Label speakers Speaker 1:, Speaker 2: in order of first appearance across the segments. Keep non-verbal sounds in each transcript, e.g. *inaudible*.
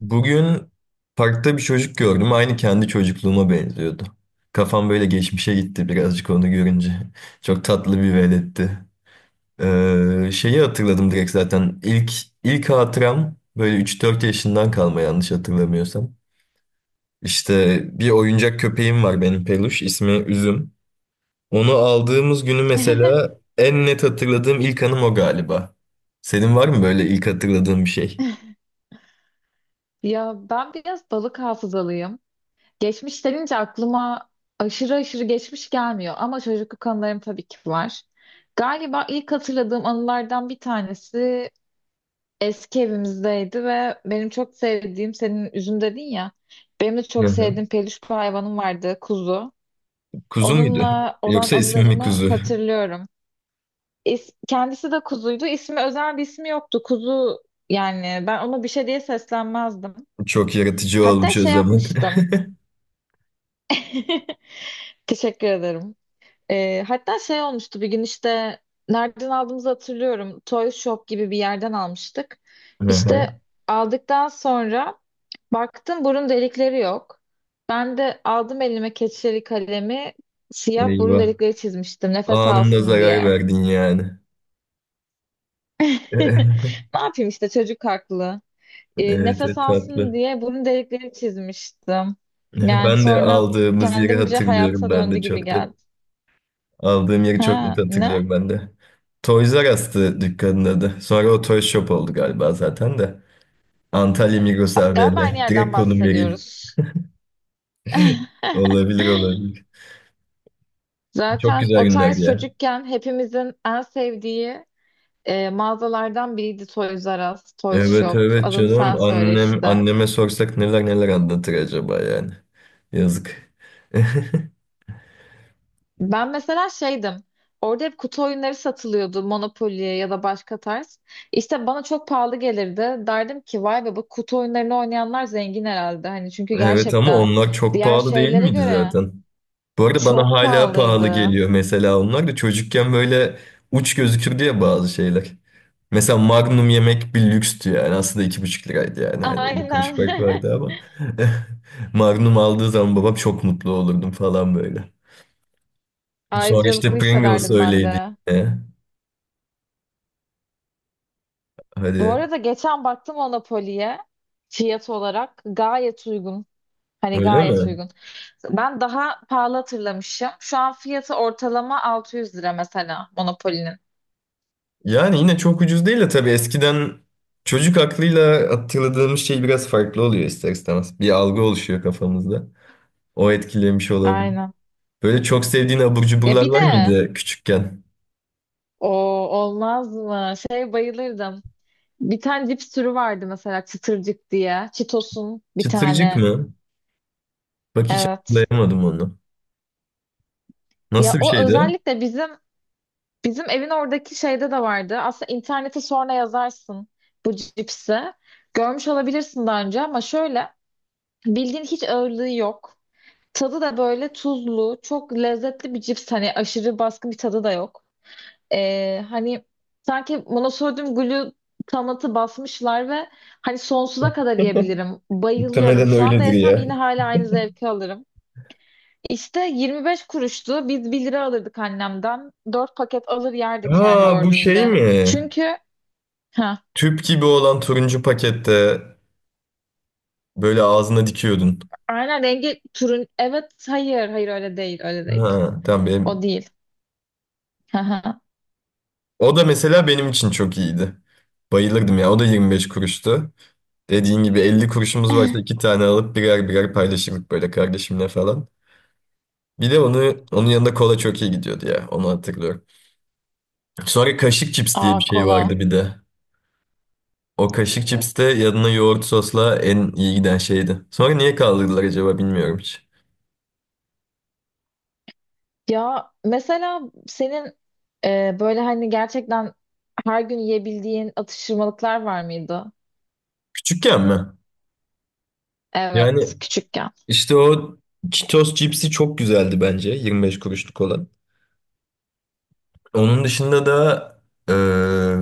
Speaker 1: Bugün parkta bir çocuk gördüm. Aynı kendi çocukluğuma benziyordu. Kafam böyle geçmişe gitti birazcık onu görünce. *laughs* Çok tatlı bir veletti. Şeyi hatırladım direkt zaten. İlk hatıram böyle üç dört yaşından kalma yanlış hatırlamıyorsam. İşte bir oyuncak köpeğim var benim peluş. İsmi Üzüm. Onu aldığımız günü mesela
Speaker 2: *laughs*
Speaker 1: en net hatırladığım ilk anım o galiba. Senin var mı böyle ilk hatırladığın bir şey?
Speaker 2: Ya ben biraz balık hafızalıyım. Geçmiş denince aklıma aşırı aşırı geçmiş gelmiyor, ama çocukluk anılarım tabii ki var. Galiba ilk hatırladığım anılardan bir tanesi eski evimizdeydi ve benim çok sevdiğim, senin üzüm dedin ya, benim de
Speaker 1: Hı
Speaker 2: çok
Speaker 1: hı.
Speaker 2: sevdiğim peluş bir hayvanım vardı, kuzu.
Speaker 1: Kuzu muydu?
Speaker 2: Onunla olan
Speaker 1: Yoksa ismi mi
Speaker 2: anılarımı
Speaker 1: kuzu?
Speaker 2: hatırlıyorum. Kendisi de kuzuydu. İsmi, özel bir ismi yoktu. Kuzu, yani ben ona bir şey diye seslenmezdim.
Speaker 1: Çok yaratıcı
Speaker 2: Hatta
Speaker 1: olmuş o
Speaker 2: şey
Speaker 1: zaman.
Speaker 2: yapmıştım. *laughs* Teşekkür ederim. Hatta şey olmuştu bir gün işte, nereden aldığımızı hatırlıyorum. Toy Shop gibi bir yerden almıştık.
Speaker 1: *laughs* Aha.
Speaker 2: İşte aldıktan sonra baktım, burun delikleri yok. Ben de aldım elime keçeli kalemi, siyah burun
Speaker 1: Eyvah.
Speaker 2: delikleri çizmiştim, nefes
Speaker 1: Anında
Speaker 2: alsın
Speaker 1: zarar
Speaker 2: diye.
Speaker 1: verdin yani.
Speaker 2: *laughs*
Speaker 1: *laughs*
Speaker 2: Ne yapayım işte, çocuk haklı.
Speaker 1: Evet,
Speaker 2: Nefes
Speaker 1: evet,
Speaker 2: alsın
Speaker 1: tatlı.
Speaker 2: diye
Speaker 1: *laughs*
Speaker 2: burun delikleri çizmiştim. Yani
Speaker 1: Ben de
Speaker 2: sonra
Speaker 1: aldığımız yeri
Speaker 2: kendimce
Speaker 1: hatırlıyorum
Speaker 2: hayata
Speaker 1: ben
Speaker 2: döndü
Speaker 1: de
Speaker 2: gibi
Speaker 1: çok net.
Speaker 2: geldi.
Speaker 1: Aldığım yeri çok net
Speaker 2: Ha ne?
Speaker 1: hatırlıyorum ben de. Toys R Us'tı dükkanın adı. Sonra o Toy Shop oldu galiba zaten de. Antalya Migros
Speaker 2: Galiba aynı
Speaker 1: AVM.
Speaker 2: yerden
Speaker 1: Direkt konum vereyim.
Speaker 2: bahsediyoruz. *laughs*
Speaker 1: Olabilir olabilir. Çok
Speaker 2: Zaten
Speaker 1: güzel
Speaker 2: o
Speaker 1: günlerdi
Speaker 2: tarz
Speaker 1: ya.
Speaker 2: çocukken hepimizin en sevdiği mağazalardan biriydi Toys R Us, Toys
Speaker 1: Evet
Speaker 2: Shop.
Speaker 1: evet
Speaker 2: Adını sen
Speaker 1: canım.
Speaker 2: söyle
Speaker 1: Annem
Speaker 2: işte.
Speaker 1: anneme sorsak neler neler anlatır acaba yani. Yazık. *laughs*
Speaker 2: Ben mesela şeydim. Orada hep kutu oyunları satılıyordu, Monopoly ya da başka tarz. İşte bana çok pahalı gelirdi. Derdim ki, vay be, bu kutu oyunlarını oynayanlar zengin herhalde. Hani çünkü
Speaker 1: Evet ama
Speaker 2: gerçekten
Speaker 1: onlar çok
Speaker 2: diğer
Speaker 1: pahalı değil
Speaker 2: şeylere
Speaker 1: miydi
Speaker 2: göre
Speaker 1: zaten? Bu arada bana
Speaker 2: çok
Speaker 1: hala pahalı
Speaker 2: pahalıydı.
Speaker 1: geliyor mesela onlar da çocukken böyle uç gözükür diye bazı şeyler. Mesela Magnum yemek bir lükstü yani aslında iki buçuk liraydı yani hani 50 kuruş
Speaker 2: Aynen.
Speaker 1: fark
Speaker 2: *laughs*
Speaker 1: vardı ama *laughs* Magnum aldığı zaman babam çok mutlu olurdum falan böyle. Sonra
Speaker 2: Ayrıcalıklı
Speaker 1: işte Pringles
Speaker 2: hissederdim ben
Speaker 1: öyleydi
Speaker 2: de.
Speaker 1: yine.
Speaker 2: Bu
Speaker 1: Hadi
Speaker 2: arada geçen baktım Monopoly'ye, fiyat olarak gayet uygun. Hani
Speaker 1: öyle
Speaker 2: gayet
Speaker 1: mi?
Speaker 2: uygun. Ben daha pahalı hatırlamışım. Şu an fiyatı ortalama 600 lira mesela Monopoly'nin.
Speaker 1: Yani yine çok ucuz değil de tabii eskiden çocuk aklıyla hatırladığımız şey biraz farklı oluyor ister istemez. Bir algı oluşuyor kafamızda. O etkilemiş olabilir.
Speaker 2: Aynen.
Speaker 1: Böyle çok sevdiğin abur
Speaker 2: Ya
Speaker 1: cuburlar
Speaker 2: bir de
Speaker 1: var mıydı küçükken?
Speaker 2: o, olmaz mı? Şey, bayılırdım. Bir tane cips türü vardı mesela, çıtırcık diye. Cheetos'un bir
Speaker 1: Çıtırcık
Speaker 2: tane.
Speaker 1: mı? Bak hiç
Speaker 2: Evet.
Speaker 1: hatırlayamadım onu.
Speaker 2: Ya
Speaker 1: Nasıl bir
Speaker 2: o
Speaker 1: şeydi?
Speaker 2: özellikle Bizim evin oradaki şeyde de vardı. Aslında internete sonra yazarsın bu cipsi. Görmüş olabilirsin daha önce ama şöyle, bildiğin hiç ağırlığı yok. Tadı da böyle tuzlu, çok lezzetli bir cips. Hani aşırı baskın bir tadı da yok. Hani sanki monosodyum glutamatı basmışlar ve hani sonsuza kadar yiyebilirim. Bayılıyorum.
Speaker 1: Muhtemelen
Speaker 2: Şu anda
Speaker 1: öyledir
Speaker 2: yesem
Speaker 1: ya.
Speaker 2: yine hala aynı zevki alırım. İşte 25 kuruştu. Biz 1 lira alırdık annemden. 4 paket alır yerdik, yani
Speaker 1: Ha bu şey
Speaker 2: dördünde.
Speaker 1: mi?
Speaker 2: Çünkü ha,
Speaker 1: Tüp gibi olan turuncu pakette böyle ağzına dikiyordun.
Speaker 2: aynen, rengi turun, evet, hayır hayır, öyle değil, öyle
Speaker 1: Ha
Speaker 2: değil.
Speaker 1: tamam
Speaker 2: O
Speaker 1: benim.
Speaker 2: değil. Haha.
Speaker 1: O da mesela benim için çok iyiydi. Bayılırdım ya. O da 25 kuruştu. Dediğin gibi 50 kuruşumuz varsa iki tane alıp birer birer paylaşırdık böyle kardeşimle falan. Bir de onu onun yanında kola çok iyi gidiyordu ya. Onu hatırlıyorum. Sonra kaşık cips diye
Speaker 2: Aa,
Speaker 1: bir şey
Speaker 2: kola.
Speaker 1: vardı bir de. O kaşık cips de yanına yoğurt sosla en iyi giden şeydi. Sonra niye kaldırdılar acaba bilmiyorum hiç.
Speaker 2: Ya mesela senin böyle, hani, gerçekten her gün yiyebildiğin atıştırmalıklar var mıydı?
Speaker 1: Küçükken mi? Yani
Speaker 2: Evet, küçükken.
Speaker 1: işte o Cheetos cipsi çok güzeldi bence. 25 kuruşluk olan. Onun dışında da eee,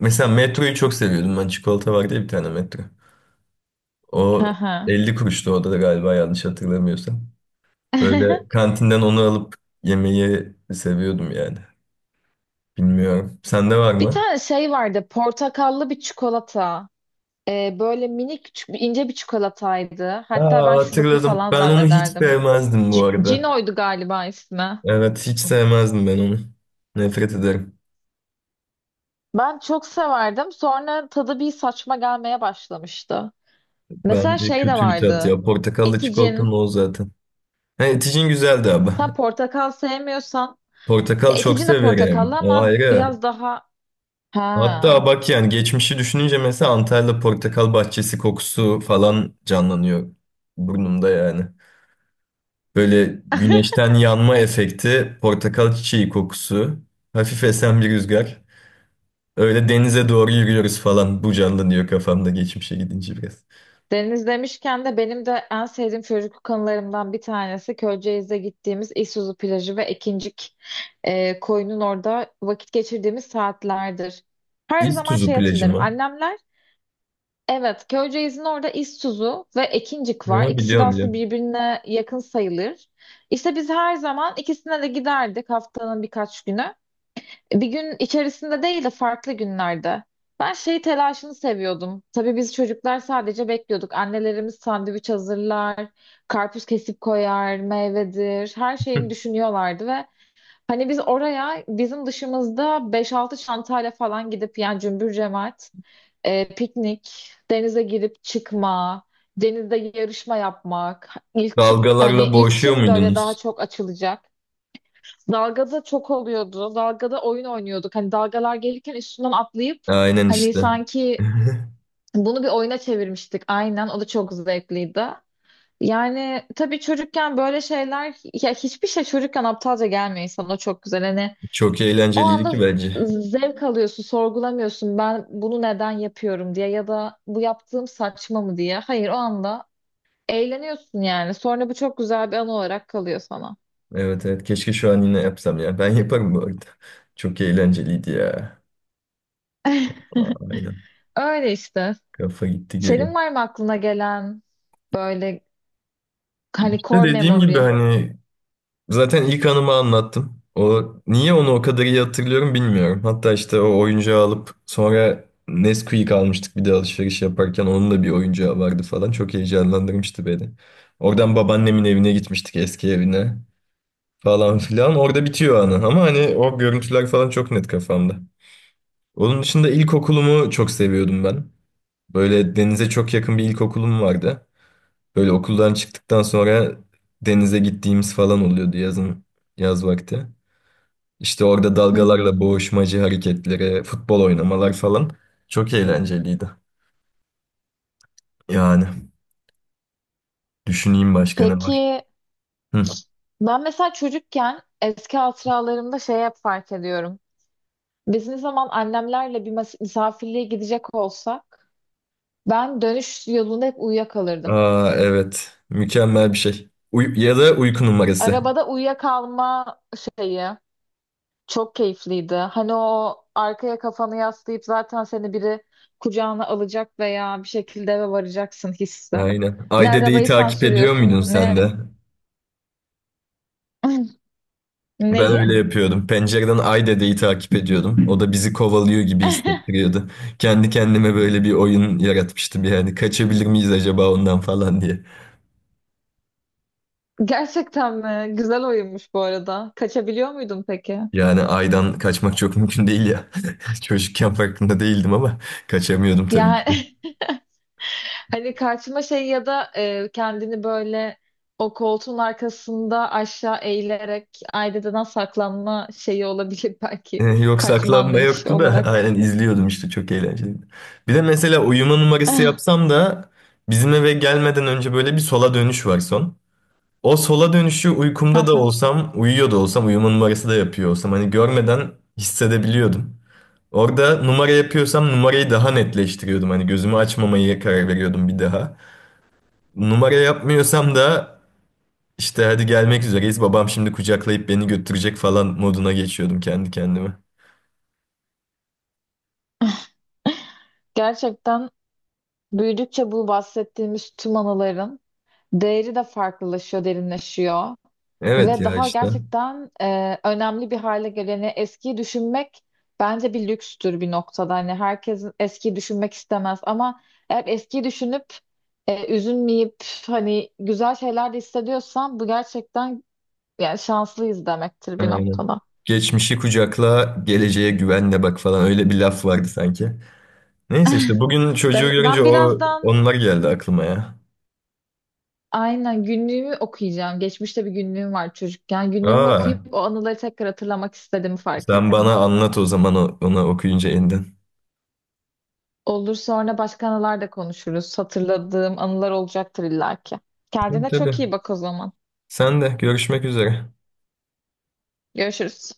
Speaker 1: mesela Metro'yu çok seviyordum ben. Çikolata vardı ya bir tane Metro. O
Speaker 2: Haha.
Speaker 1: 50 kuruştu o da galiba yanlış hatırlamıyorsam. Böyle
Speaker 2: *laughs*
Speaker 1: kantinden onu alıp yemeyi seviyordum yani. Bilmiyorum. Sende var
Speaker 2: Bir
Speaker 1: mı?
Speaker 2: tane şey vardı, portakallı bir çikolata. Böyle minik, ince bir çikolataydı. Hatta
Speaker 1: Aa,
Speaker 2: ben şuruplu
Speaker 1: hatırladım.
Speaker 2: falan
Speaker 1: Ben onu hiç
Speaker 2: zannederdim.
Speaker 1: sevmezdim bu
Speaker 2: C
Speaker 1: arada.
Speaker 2: Cino'ydu galiba ismi.
Speaker 1: Evet, hiç sevmezdim ben onu. Nefret ederim.
Speaker 2: Ben çok severdim. Sonra tadı bir saçma gelmeye başlamıştı. Mesela
Speaker 1: Bence
Speaker 2: şey de
Speaker 1: kötü bir tat
Speaker 2: vardı,
Speaker 1: ya. Portakallı çikolatanın
Speaker 2: Eticin.
Speaker 1: o zaten. Ha, eticin güzeldi abi.
Speaker 2: Sen portakal sevmiyorsan. Ya
Speaker 1: Portakal çok
Speaker 2: Eticin de
Speaker 1: severim.
Speaker 2: portakallı
Speaker 1: O
Speaker 2: ama
Speaker 1: ayrı.
Speaker 2: biraz daha... Ha.
Speaker 1: Hatta bak yani geçmişi düşününce mesela Antalya portakal bahçesi kokusu falan canlanıyor burnumda yani. Böyle güneşten yanma efekti, portakal çiçeği kokusu, hafif esen bir rüzgar. Öyle denize doğru yürüyoruz falan. Bu canlanıyor kafamda geçmişe gidince biraz.
Speaker 2: Deniz demişken de benim de en sevdiğim çocukluk anılarımdan bir tanesi Köyceğiz'de gittiğimiz İsuzu plajı ve Ekincik koyunun orada vakit geçirdiğimiz saatlerdir. Her zaman
Speaker 1: İztuzu
Speaker 2: şey
Speaker 1: plajı
Speaker 2: hatırlarım.
Speaker 1: mı?
Speaker 2: Annemler. Evet, Köyceğiz'in orada İsuzu ve Ekincik var.
Speaker 1: Ha, biliyorum
Speaker 2: İkisi de aslında
Speaker 1: biliyorum.
Speaker 2: birbirine yakın sayılır. İşte biz her zaman ikisine de giderdik, haftanın birkaç günü. Bir gün içerisinde değil de farklı günlerde. Ben şey telaşını seviyordum. Tabii biz çocuklar sadece bekliyorduk. Annelerimiz sandviç hazırlar, karpuz kesip koyar, meyvedir, her şeyini
Speaker 1: *laughs*
Speaker 2: düşünüyorlardı ve hani biz oraya, bizim dışımızda beş altı çantayla falan gidip, yani cümbür cemaat piknik, denize girip çıkma, denizde yarışma yapmak, hani
Speaker 1: Dalgalarla
Speaker 2: ilk
Speaker 1: boğuşuyor
Speaker 2: kim böyle daha
Speaker 1: muydunuz?
Speaker 2: çok açılacak. Dalgada çok oluyordu. Dalgada oyun oynuyorduk. Hani dalgalar gelirken üstünden atlayıp,
Speaker 1: Aynen
Speaker 2: hani
Speaker 1: işte.
Speaker 2: sanki
Speaker 1: *laughs*
Speaker 2: bunu bir oyuna çevirmiştik. Aynen. O da çok zevkliydi. Yani tabii çocukken böyle şeyler, ya hiçbir şey çocukken aptalca gelmiyor insana, o çok güzel. Hani
Speaker 1: Çok
Speaker 2: o
Speaker 1: eğlenceliydi ki
Speaker 2: anda
Speaker 1: bence.
Speaker 2: zevk alıyorsun, sorgulamıyorsun ben bunu neden yapıyorum diye ya da bu yaptığım saçma mı diye. Hayır, o anda eğleniyorsun yani. Sonra bu çok güzel bir anı olarak kalıyor sana.
Speaker 1: Evet evet keşke şu an yine yapsam ya. Ben yaparım bu arada. Çok eğlenceliydi ya. Aa, aynen.
Speaker 2: *laughs* Öyle işte.
Speaker 1: Kafa gitti geri.
Speaker 2: Senin var mı aklına gelen böyle, hani,
Speaker 1: İşte
Speaker 2: core
Speaker 1: dediğim gibi
Speaker 2: memory?
Speaker 1: hani zaten ilk anımı anlattım. O niye onu o kadar iyi hatırlıyorum bilmiyorum. Hatta işte o oyuncağı alıp sonra Nesquik almıştık bir de alışveriş yaparken onun da bir oyuncağı vardı falan. Çok heyecanlandırmıştı beni. Oradan babaannemin evine gitmiştik eski evine falan filan. Orada bitiyor anı ama hani o görüntüler falan çok net kafamda. Onun dışında ilkokulumu çok seviyordum ben. Böyle denize çok yakın bir ilkokulum vardı. Böyle okuldan çıktıktan sonra denize gittiğimiz falan oluyordu yazın, yaz vakti. İşte orada
Speaker 2: Hı hı.
Speaker 1: dalgalarla boğuşmacı hareketleri, futbol oynamalar falan çok eğlenceliydi. Yani düşüneyim başka ne var.
Speaker 2: Peki,
Speaker 1: Hı.
Speaker 2: ben mesela çocukken eski hatıralarımda şey hep fark ediyorum. Biz ne zaman annemlerle bir misafirliğe gidecek olsak, ben dönüş yolunda hep uyuyakalırdım.
Speaker 1: Aa evet. Mükemmel bir şey. Ya da uyku numarası.
Speaker 2: Arabada uyuyakalma şeyi çok keyifliydi. Hani o, arkaya kafanı yaslayıp zaten seni biri kucağına alacak veya bir şekilde eve varacaksın hissi.
Speaker 1: Aynen.
Speaker 2: Ne
Speaker 1: Ay dedeyi
Speaker 2: arabayı sen
Speaker 1: takip ediyor muydun
Speaker 2: sürüyorsun,
Speaker 1: sen
Speaker 2: ne
Speaker 1: de?
Speaker 2: *laughs*
Speaker 1: Ben
Speaker 2: Neyi?
Speaker 1: öyle yapıyordum. Pencereden Ay dedeyi takip ediyordum. O da bizi kovalıyor gibi
Speaker 2: *laughs*
Speaker 1: hissettiriyordu. Kendi kendime böyle bir oyun yaratmıştım yani. Kaçabilir miyiz acaba ondan falan diye.
Speaker 2: Gerçekten mi? Güzel oyunmuş bu arada. Kaçabiliyor muydun peki?
Speaker 1: Yani aydan kaçmak çok *laughs* mümkün değil ya. *laughs* Çocukken farkında değildim ama kaçamıyordum tabii ki de.
Speaker 2: Yani *laughs* hani karşıma şey ya da kendini böyle o koltuğun arkasında aşağı eğilerek aileden saklanma şeyi olabilir *laughs* belki.
Speaker 1: Yok
Speaker 2: Kaçma
Speaker 1: saklanma
Speaker 2: anlayışı
Speaker 1: yoktu da *laughs*
Speaker 2: olarak.
Speaker 1: aynen izliyordum işte çok eğlenceliydi. Bir de mesela uyuma numarası
Speaker 2: *laughs*
Speaker 1: yapsam da bizim eve gelmeden önce böyle bir sola dönüş var son. O sola dönüşü uykumda da
Speaker 2: Aha.
Speaker 1: olsam, uyuyor da olsam, uyuma numarası da yapıyor olsam hani görmeden hissedebiliyordum. Orada numara yapıyorsam numarayı daha netleştiriyordum. Hani gözümü açmamaya karar veriyordum bir daha. Numara yapmıyorsam da İşte hadi gelmek üzereyiz. Babam şimdi kucaklayıp beni götürecek falan moduna geçiyordum kendi kendime.
Speaker 2: Gerçekten büyüdükçe bu bahsettiğimiz tüm anıların değeri de farklılaşıyor, derinleşiyor.
Speaker 1: Evet
Speaker 2: Ve
Speaker 1: ya
Speaker 2: daha
Speaker 1: işte.
Speaker 2: gerçekten önemli bir hale geleni, eskiyi düşünmek bence bir lükstür bir noktada. Hani herkes eskiyi düşünmek istemez ama eğer eskiyi düşünüp üzülmeyip, hani güzel şeyler de hissediyorsan bu gerçekten, yani şanslıyız demektir bir
Speaker 1: Aynen.
Speaker 2: noktada.
Speaker 1: Geçmişi kucakla, geleceğe güvenle bak falan öyle bir laf vardı sanki. Neyse işte bugün çocuğu
Speaker 2: Ben
Speaker 1: görünce
Speaker 2: ben
Speaker 1: o
Speaker 2: birazdan,
Speaker 1: onlar geldi aklıma ya.
Speaker 2: aynen, günlüğümü okuyacağım. Geçmişte bir günlüğüm var, çocukken. Günlüğümü
Speaker 1: Aa,
Speaker 2: okuyup o anıları tekrar hatırlamak istediğimi fark
Speaker 1: sen
Speaker 2: ettim.
Speaker 1: bana anlat o zaman ona okuyunca elden.
Speaker 2: Olur, sonra başka anılar da konuşuruz. Hatırladığım anılar olacaktır illaki.
Speaker 1: Tabii
Speaker 2: Kendine
Speaker 1: tabii.
Speaker 2: çok iyi bak o zaman.
Speaker 1: Sen de görüşmek üzere.
Speaker 2: Görüşürüz.